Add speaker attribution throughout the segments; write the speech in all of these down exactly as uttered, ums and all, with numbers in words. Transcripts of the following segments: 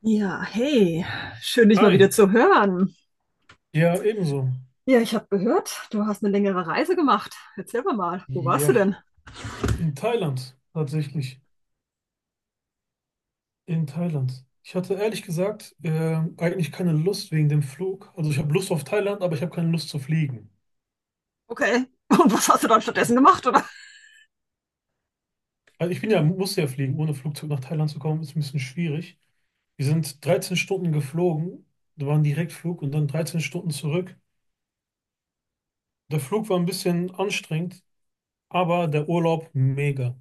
Speaker 1: Ja, hey, schön dich mal
Speaker 2: Hi,
Speaker 1: wieder zu hören.
Speaker 2: ja, ebenso.
Speaker 1: Ja, ich habe gehört, du hast eine längere Reise gemacht. Erzähl mir mal, wo warst du
Speaker 2: Ja,
Speaker 1: denn?
Speaker 2: in Thailand, tatsächlich. In Thailand. Ich hatte ehrlich gesagt ähm, eigentlich keine Lust wegen dem Flug. Also ich habe Lust auf Thailand, aber ich habe keine Lust zu fliegen.
Speaker 1: Okay. Und was hast du dann stattdessen gemacht, oder?
Speaker 2: Also ich bin ja, muss ja fliegen. Ohne Flugzeug nach Thailand zu kommen, ist ein bisschen schwierig. Wir sind dreizehn Stunden geflogen. Da war ein Direktflug und dann dreizehn Stunden zurück. Der Flug war ein bisschen anstrengend, aber der Urlaub mega.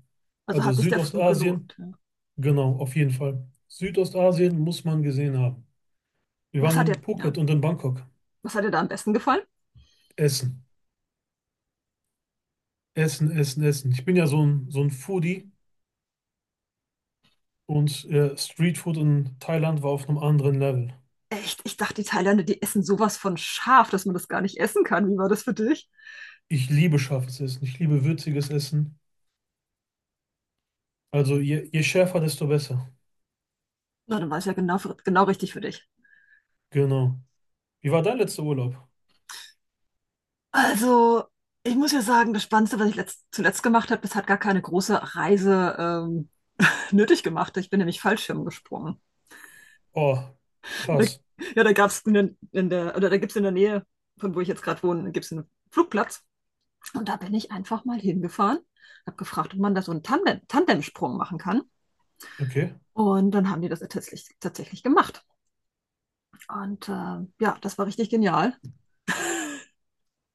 Speaker 1: Also
Speaker 2: Also
Speaker 1: hat sich der Flug
Speaker 2: Südostasien,
Speaker 1: gelohnt. Ja.
Speaker 2: genau, auf jeden Fall. Südostasien muss man gesehen haben. Wir
Speaker 1: Was
Speaker 2: waren
Speaker 1: hat dir,
Speaker 2: in
Speaker 1: ja,
Speaker 2: Phuket und in Bangkok.
Speaker 1: Was hat dir da am besten gefallen?
Speaker 2: Essen, Essen, Essen, Essen. Ich bin ja so ein, so ein Foodie und äh, Streetfood in Thailand war auf einem anderen Level.
Speaker 1: Echt, ich dachte, die Thailänder, die essen sowas von scharf, dass man das gar nicht essen kann. Wie war das für dich?
Speaker 2: Ich liebe scharfes Essen, ich liebe würziges Essen. Also je, je schärfer, desto besser.
Speaker 1: Na, dann war es ja genau, für- genau richtig für dich.
Speaker 2: Genau. Wie war dein letzter Urlaub?
Speaker 1: Also, ich muss ja sagen, das Spannendste, was ich letzt, zuletzt gemacht habe, das hat gar keine große Reise ähm, nötig gemacht. Ich bin nämlich Fallschirm gesprungen.
Speaker 2: Oh,
Speaker 1: Da,
Speaker 2: krass.
Speaker 1: ja, da gab es in, in der, oder Da gibt es in der Nähe, von wo ich jetzt gerade wohne, gibt es einen Flugplatz. Und da bin ich einfach mal hingefahren, habe gefragt, ob man da so einen Tandem, Tandemsprung machen kann.
Speaker 2: Okay.
Speaker 1: Und dann haben die das tatsächlich, tatsächlich gemacht. Und äh, ja, das war richtig genial.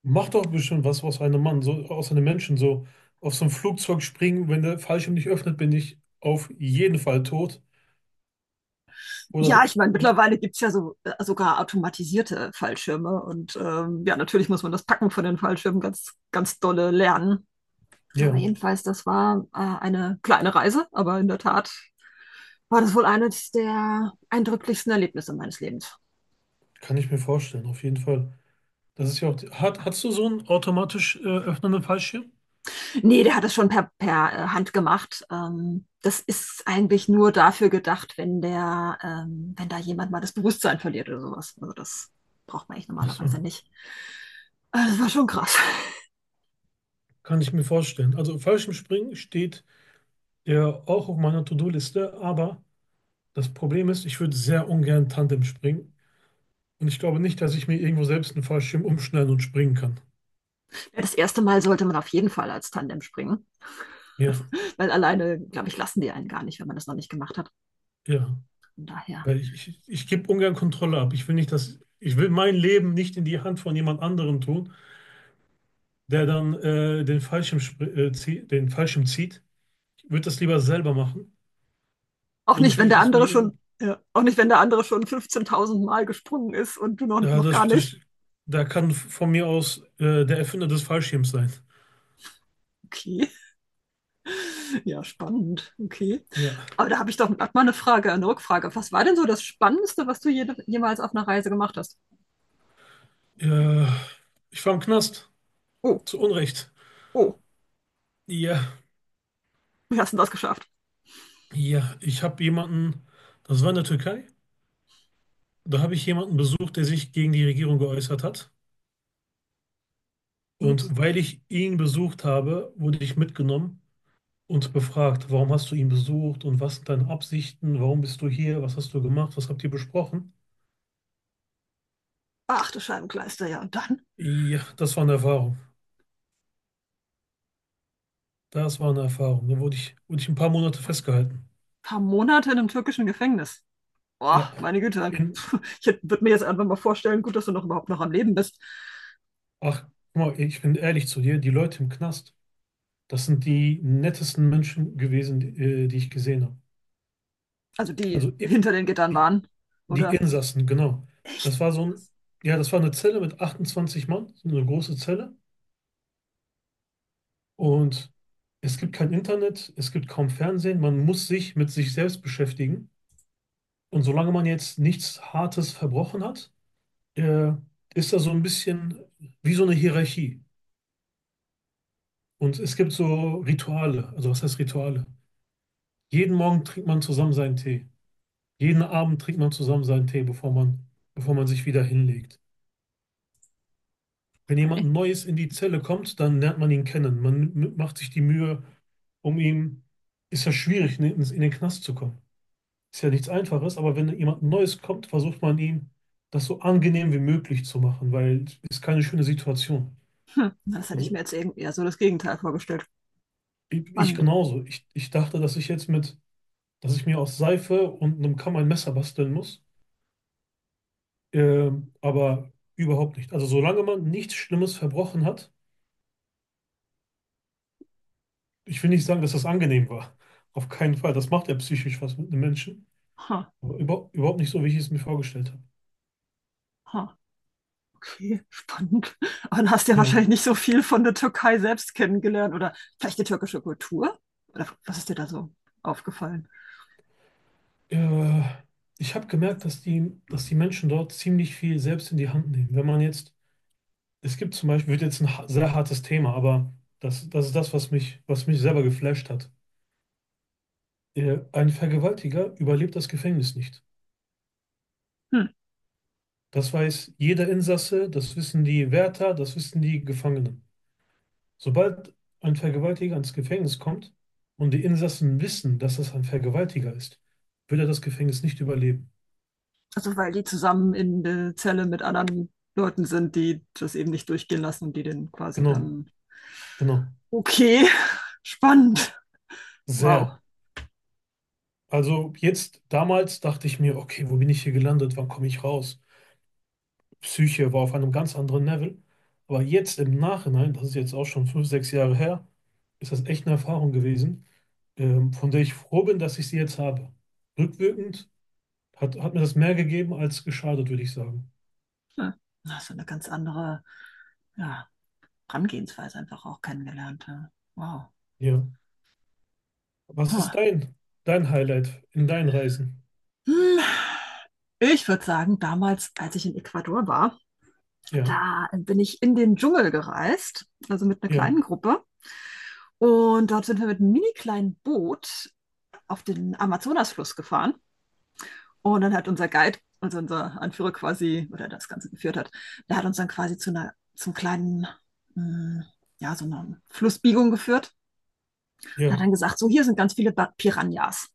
Speaker 2: Mach doch bestimmt was aus einem Mann, so aus einem Menschen, so auf so ein Flugzeug springen. Wenn der Fallschirm nicht öffnet, bin ich auf jeden Fall tot.
Speaker 1: Ja,
Speaker 2: Oder
Speaker 1: ich meine, mittlerweile gibt es ja so, äh, sogar automatisierte Fallschirme. Und ähm, ja, natürlich muss man das Packen von den Fallschirmen ganz, ganz dolle lernen. Aber
Speaker 2: ja,
Speaker 1: jedenfalls, das war äh, eine kleine Reise, aber in der Tat war das wohl eines der eindrücklichsten Erlebnisse meines Lebens.
Speaker 2: kann ich mir vorstellen, auf jeden Fall. Das ist ja auch. die- Hat, hast du so einen automatisch äh, öffnenden Fallschirm?
Speaker 1: Nee, der hat es schon per, per äh, Hand gemacht. Ähm, das ist eigentlich nur dafür gedacht, wenn der, ähm, wenn da jemand mal das Bewusstsein verliert oder sowas. Also das braucht man eigentlich
Speaker 2: Ach so,
Speaker 1: normalerweise nicht. Äh, Das war schon krass.
Speaker 2: kann ich mir vorstellen. Also Fallschirmspringen steht ja auch auf meiner To-Do-Liste, aber das Problem ist, ich würde sehr ungern Tandem springen und ich glaube nicht, dass ich mir irgendwo selbst einen Fallschirm umschneiden und springen kann.
Speaker 1: Ja, das erste Mal sollte man auf jeden Fall als Tandem springen,
Speaker 2: Ja,
Speaker 1: weil alleine, glaube ich, lassen die einen gar nicht, wenn man das noch nicht gemacht hat.
Speaker 2: ja,
Speaker 1: Von daher
Speaker 2: weil ich, ich, ich gebe ungern Kontrolle ab. Ich will nicht, dass ich will mein Leben nicht in die Hand von jemand anderem tun, der dann äh, den Fallschirm, spr- äh, zieh, den Fallschirm zieht. Ich würde das lieber selber machen,
Speaker 1: auch
Speaker 2: und
Speaker 1: nicht,
Speaker 2: ich will
Speaker 1: wenn
Speaker 2: nicht,
Speaker 1: der
Speaker 2: dass mir
Speaker 1: andere
Speaker 2: jemand.
Speaker 1: schon, ja, auch nicht, wenn der andere schon fünfzehntausend Mal gesprungen ist und du noch,
Speaker 2: Ja,
Speaker 1: noch
Speaker 2: das,
Speaker 1: gar
Speaker 2: das,
Speaker 1: nicht.
Speaker 2: da kann von mir aus äh, der Erfinder des Fallschirms sein.
Speaker 1: Okay, ja, spannend. Okay.
Speaker 2: Ja.
Speaker 1: Aber da habe ich doch grad mal eine Frage, eine Rückfrage. Was war denn so das Spannendste, was du jede, jemals auf einer Reise gemacht hast?
Speaker 2: Äh, ich war im Knast.
Speaker 1: Oh,
Speaker 2: Zu Unrecht.
Speaker 1: oh,
Speaker 2: Ja,
Speaker 1: wie hast du das geschafft?
Speaker 2: ja. Ich habe jemanden, das war in der Türkei, da habe ich jemanden besucht, der sich gegen die Regierung geäußert hat.
Speaker 1: Ups.
Speaker 2: Und weil ich ihn besucht habe, wurde ich mitgenommen und befragt: Warum hast du ihn besucht, und was sind deine Absichten, warum bist du hier, was hast du gemacht, was habt ihr besprochen?
Speaker 1: Ach, du Scheibenkleister, ja. Und dann ein
Speaker 2: Ja, das war eine Erfahrung. Das war eine Erfahrung. Da wurde ich, wurde ich ein paar Monate festgehalten.
Speaker 1: paar Monate in einem türkischen Gefängnis. Boah,
Speaker 2: Ja,
Speaker 1: meine Güte.
Speaker 2: in,
Speaker 1: Ich würde mir jetzt einfach mal vorstellen, gut, dass du noch überhaupt noch am Leben bist.
Speaker 2: ach, guck mal, ich bin ehrlich zu dir, die Leute im Knast, das sind die nettesten Menschen gewesen, die, äh, die ich gesehen habe.
Speaker 1: Also die
Speaker 2: Also im,
Speaker 1: hinter den Gittern
Speaker 2: die,
Speaker 1: waren,
Speaker 2: die
Speaker 1: oder?
Speaker 2: Insassen, genau. Das
Speaker 1: Echt?
Speaker 2: war so ein, ja, das war eine Zelle mit achtundzwanzig Mann, so eine große Zelle. Und es gibt kein Internet, es gibt kaum Fernsehen, man muss sich mit sich selbst beschäftigen. Und solange man jetzt nichts Hartes verbrochen hat, äh, ist da so ein bisschen wie so eine Hierarchie. Und es gibt so Rituale. Also, was heißt Rituale? Jeden Morgen trinkt man zusammen seinen Tee. Jeden Abend trinkt man zusammen seinen Tee, bevor man, bevor man sich wieder hinlegt. Wenn jemand
Speaker 1: Okay.
Speaker 2: Neues in die Zelle kommt, dann lernt man ihn kennen. Man m- macht sich die Mühe um ihn. Ist ja schwierig, in in- in den Knast zu kommen. Ist ja nichts Einfaches, aber wenn jemand Neues kommt, versucht man, ihm das so angenehm wie möglich zu machen, weil es ist keine schöne Situation.
Speaker 1: Hm, das hätte ich mir
Speaker 2: Also,
Speaker 1: jetzt irgendwie eher so das Gegenteil vorgestellt.
Speaker 2: ich ich
Speaker 1: Spannend.
Speaker 2: genauso. Ich, ich dachte, dass ich jetzt mit dass ich mir aus Seife und einem Kamm ein Messer basteln muss. Ähm, aber überhaupt nicht. Also solange man nichts Schlimmes verbrochen hat, ich will nicht sagen, dass das angenehm war. Auf keinen Fall. Das macht ja psychisch was mit einem Menschen.
Speaker 1: Ha,
Speaker 2: Aber über, überhaupt nicht so, wie ich es mir vorgestellt habe.
Speaker 1: ha, okay, spannend. Aber dann hast du ja
Speaker 2: Ja.
Speaker 1: wahrscheinlich nicht so viel von der Türkei selbst kennengelernt oder vielleicht die türkische Kultur? Oder was ist dir da so aufgefallen?
Speaker 2: Äh, ich habe gemerkt, dass die, dass die Menschen dort ziemlich viel selbst in die Hand nehmen. Wenn man jetzt, es gibt zum Beispiel, wird jetzt ein ha- sehr hartes Thema, aber das, das ist das, was mich, was mich selber geflasht hat. Äh, ein Vergewaltiger überlebt das Gefängnis nicht.
Speaker 1: Hm.
Speaker 2: Das weiß jeder Insasse, das wissen die Wärter, das wissen die Gefangenen. Sobald ein Vergewaltiger ins Gefängnis kommt und die Insassen wissen, dass das ein Vergewaltiger ist, wird er das Gefängnis nicht überleben.
Speaker 1: Also, weil die zusammen in der Zelle mit anderen Leuten sind, die das eben nicht durchgehen lassen und die den quasi
Speaker 2: Genau,
Speaker 1: dann.
Speaker 2: genau.
Speaker 1: Okay, spannend. Wow.
Speaker 2: Sehr. Also jetzt, damals dachte ich mir: Okay, wo bin ich hier gelandet? Wann komme ich raus? Psyche war auf einem ganz anderen Level. Aber jetzt im Nachhinein, das ist jetzt auch schon fünf, sechs Jahre her, ist das echt eine Erfahrung gewesen, ähm, von der ich froh bin, dass ich sie jetzt habe. Rückwirkend Hat, hat mir das mehr gegeben als geschadet, würde ich sagen.
Speaker 1: Hm. Na, so eine ganz andere ja, Herangehensweise einfach auch kennengelernt. Ja. Wow.
Speaker 2: Ja. Was ist
Speaker 1: Ha.
Speaker 2: dein, dein Highlight in deinen Reisen?
Speaker 1: Hm. Ich würde sagen, damals, als ich in Ecuador war,
Speaker 2: Ja,
Speaker 1: da bin ich in den Dschungel gereist, also mit einer
Speaker 2: ja,
Speaker 1: kleinen Gruppe. Und dort sind wir mit einem mini kleinen Boot auf den Amazonasfluss gefahren. Und dann hat unser Guide, also unser Anführer quasi, oder der das Ganze geführt hat, der hat uns dann quasi zu einer, zum kleinen, mh, ja, so einer Flussbiegung geführt. Und hat
Speaker 2: ja,
Speaker 1: dann gesagt, so hier sind ganz viele Ba- Piranhas.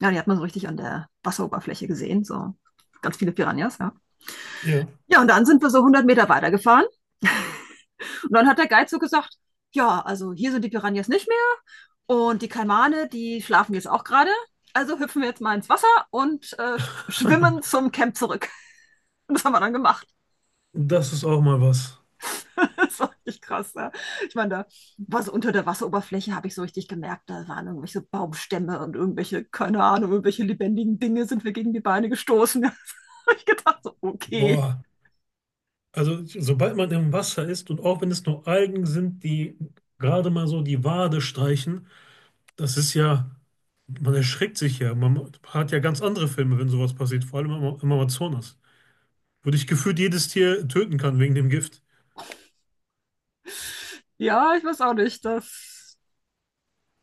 Speaker 1: Ja, die hat man so richtig an der Wasseroberfläche gesehen, so ganz viele Piranhas, ja.
Speaker 2: ja.
Speaker 1: Ja, und dann sind wir so hundert Meter weitergefahren. Und dann hat der Guide so gesagt, ja, also hier sind die Piranhas nicht mehr und die Kaimane die schlafen jetzt auch gerade. Also hüpfen wir jetzt mal ins Wasser und äh, schwimmen zum Camp zurück. Das haben wir dann gemacht.
Speaker 2: Das ist auch mal was.
Speaker 1: Das war richtig krass. Ja. Ich meine, da war so unter der Wasseroberfläche, habe ich so richtig gemerkt, da waren irgendwelche Baumstämme und irgendwelche, keine Ahnung, irgendwelche lebendigen Dinge sind wir gegen die Beine gestoßen. Da habe ich gedacht, so, okay.
Speaker 2: Boah. Also, sobald man im Wasser ist, und auch wenn es nur Algen sind, die gerade mal so die Wade streichen, das ist ja, man erschreckt sich ja. Man hat ja ganz andere Filme, wenn sowas passiert, vor allem im, Ama- im Amazonas, wo dich gefühlt jedes Tier töten kann wegen dem Gift.
Speaker 1: Ja, ich weiß auch nicht, das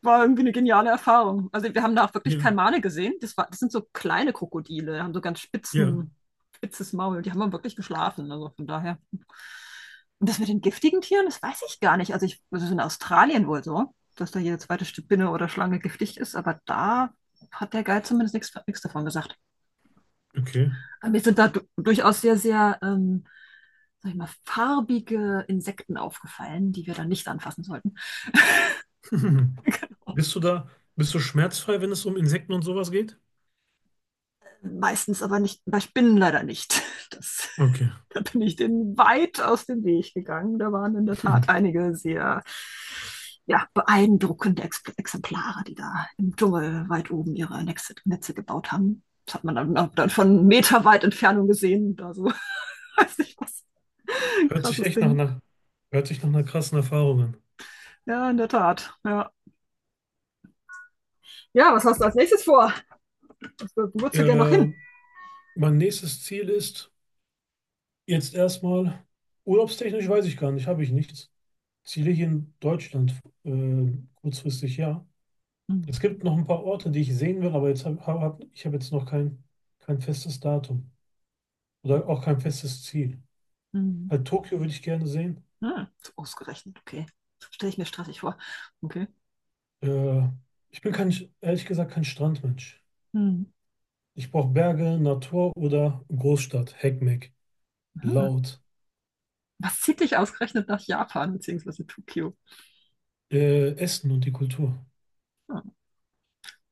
Speaker 1: war irgendwie eine geniale Erfahrung. Also wir haben da auch wirklich
Speaker 2: Ja,
Speaker 1: Kalmane gesehen. Das war, das sind so kleine Krokodile, haben so ganz
Speaker 2: ja,
Speaker 1: spitzen, spitzes Maul. Die haben wir wirklich geschlafen. Also von daher. Und das mit den giftigen Tieren, das weiß ich gar nicht. Also ich, das ist in Australien wohl so, dass da jede zweite Spinne oder Schlange giftig ist, aber da hat der Guide zumindest nichts, nichts davon gesagt.
Speaker 2: okay.
Speaker 1: Aber mir sind da du durchaus sehr, sehr, ähm, sag ich mal, farbige Insekten aufgefallen, die wir dann nicht anfassen sollten. Genau.
Speaker 2: Bist du da, bist du schmerzfrei, wenn es um Insekten und sowas geht?
Speaker 1: Meistens aber nicht, bei Spinnen leider nicht. Das,
Speaker 2: Okay.
Speaker 1: da bin ich denen weit aus dem Weg gegangen. Da waren in der Tat einige sehr ja, beeindruckende Ex Exemplare, die da im Dschungel weit oben ihre Netze, Netze gebaut haben. Das hat man dann, dann von meterweit Entfernung gesehen. Da so, weiß nicht was.
Speaker 2: Hört sich
Speaker 1: Krasses
Speaker 2: echt nach
Speaker 1: Ding.
Speaker 2: einer, Hört sich nach einer krassen Erfahrung an.
Speaker 1: Ja, in der Tat. Ja, ja was hast du als nächstes vor? Wo würdest du gerne noch
Speaker 2: Äh,
Speaker 1: hin?
Speaker 2: mein nächstes Ziel ist jetzt erstmal, urlaubstechnisch weiß ich gar nicht, habe ich nichts. Ziele hier in Deutschland, äh, kurzfristig ja.
Speaker 1: Mhm.
Speaker 2: Es gibt noch ein paar Orte, die ich sehen will, aber jetzt hab, hab, hab, ich habe jetzt noch kein, kein festes Datum oder auch kein festes Ziel.
Speaker 1: Mhm.
Speaker 2: Halt Tokio würde ich gerne sehen.
Speaker 1: Hm, ausgerechnet, okay. Stelle ich mir stressig vor. Okay.
Speaker 2: Äh, ich bin kein, ehrlich gesagt kein Strandmensch.
Speaker 1: Hm.
Speaker 2: Ich brauche Berge, Natur oder Großstadt, Heckmeck,
Speaker 1: Hm.
Speaker 2: laut,
Speaker 1: Was zieht dich ausgerechnet nach Japan beziehungsweise Tokio?
Speaker 2: äh, Essen und die Kultur.
Speaker 1: Hm.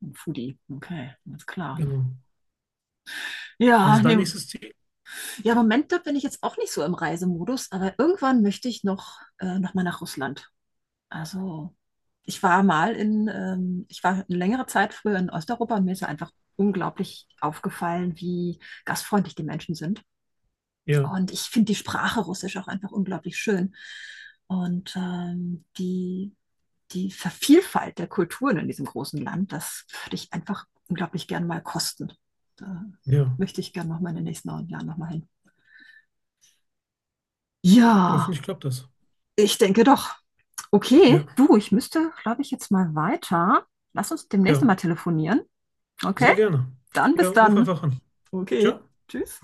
Speaker 1: Ein Foodie. Okay, alles klar.
Speaker 2: Genau. Was
Speaker 1: Ja,
Speaker 2: ist dein
Speaker 1: nee.
Speaker 2: nächstes Ziel?
Speaker 1: Ja, im Moment da bin ich jetzt auch nicht so im Reisemodus, aber irgendwann möchte ich noch, äh, noch mal nach Russland. Also, ich war mal in, ähm, ich war eine längere Zeit früher in Osteuropa und mir ist ja einfach unglaublich aufgefallen, wie gastfreundlich die Menschen sind.
Speaker 2: Ja,
Speaker 1: Und ich finde die Sprache Russisch auch einfach unglaublich schön. Und ähm, die, die Vielfalt der Kulturen in diesem großen Land, das würde ich einfach unglaublich gern mal kosten. Da
Speaker 2: ja.
Speaker 1: möchte ich gern noch mal in den nächsten Jahren noch mal hin. Ja,
Speaker 2: Hoffentlich klappt das.
Speaker 1: ich denke doch. Okay,
Speaker 2: Ja,
Speaker 1: du, ich müsste, glaube ich, jetzt mal weiter. Lass uns demnächst
Speaker 2: ja.
Speaker 1: mal telefonieren. Okay,
Speaker 2: Sehr gerne.
Speaker 1: dann
Speaker 2: Ja,
Speaker 1: bis
Speaker 2: ruf
Speaker 1: dann.
Speaker 2: einfach an.
Speaker 1: Okay,
Speaker 2: Ciao.
Speaker 1: tschüss.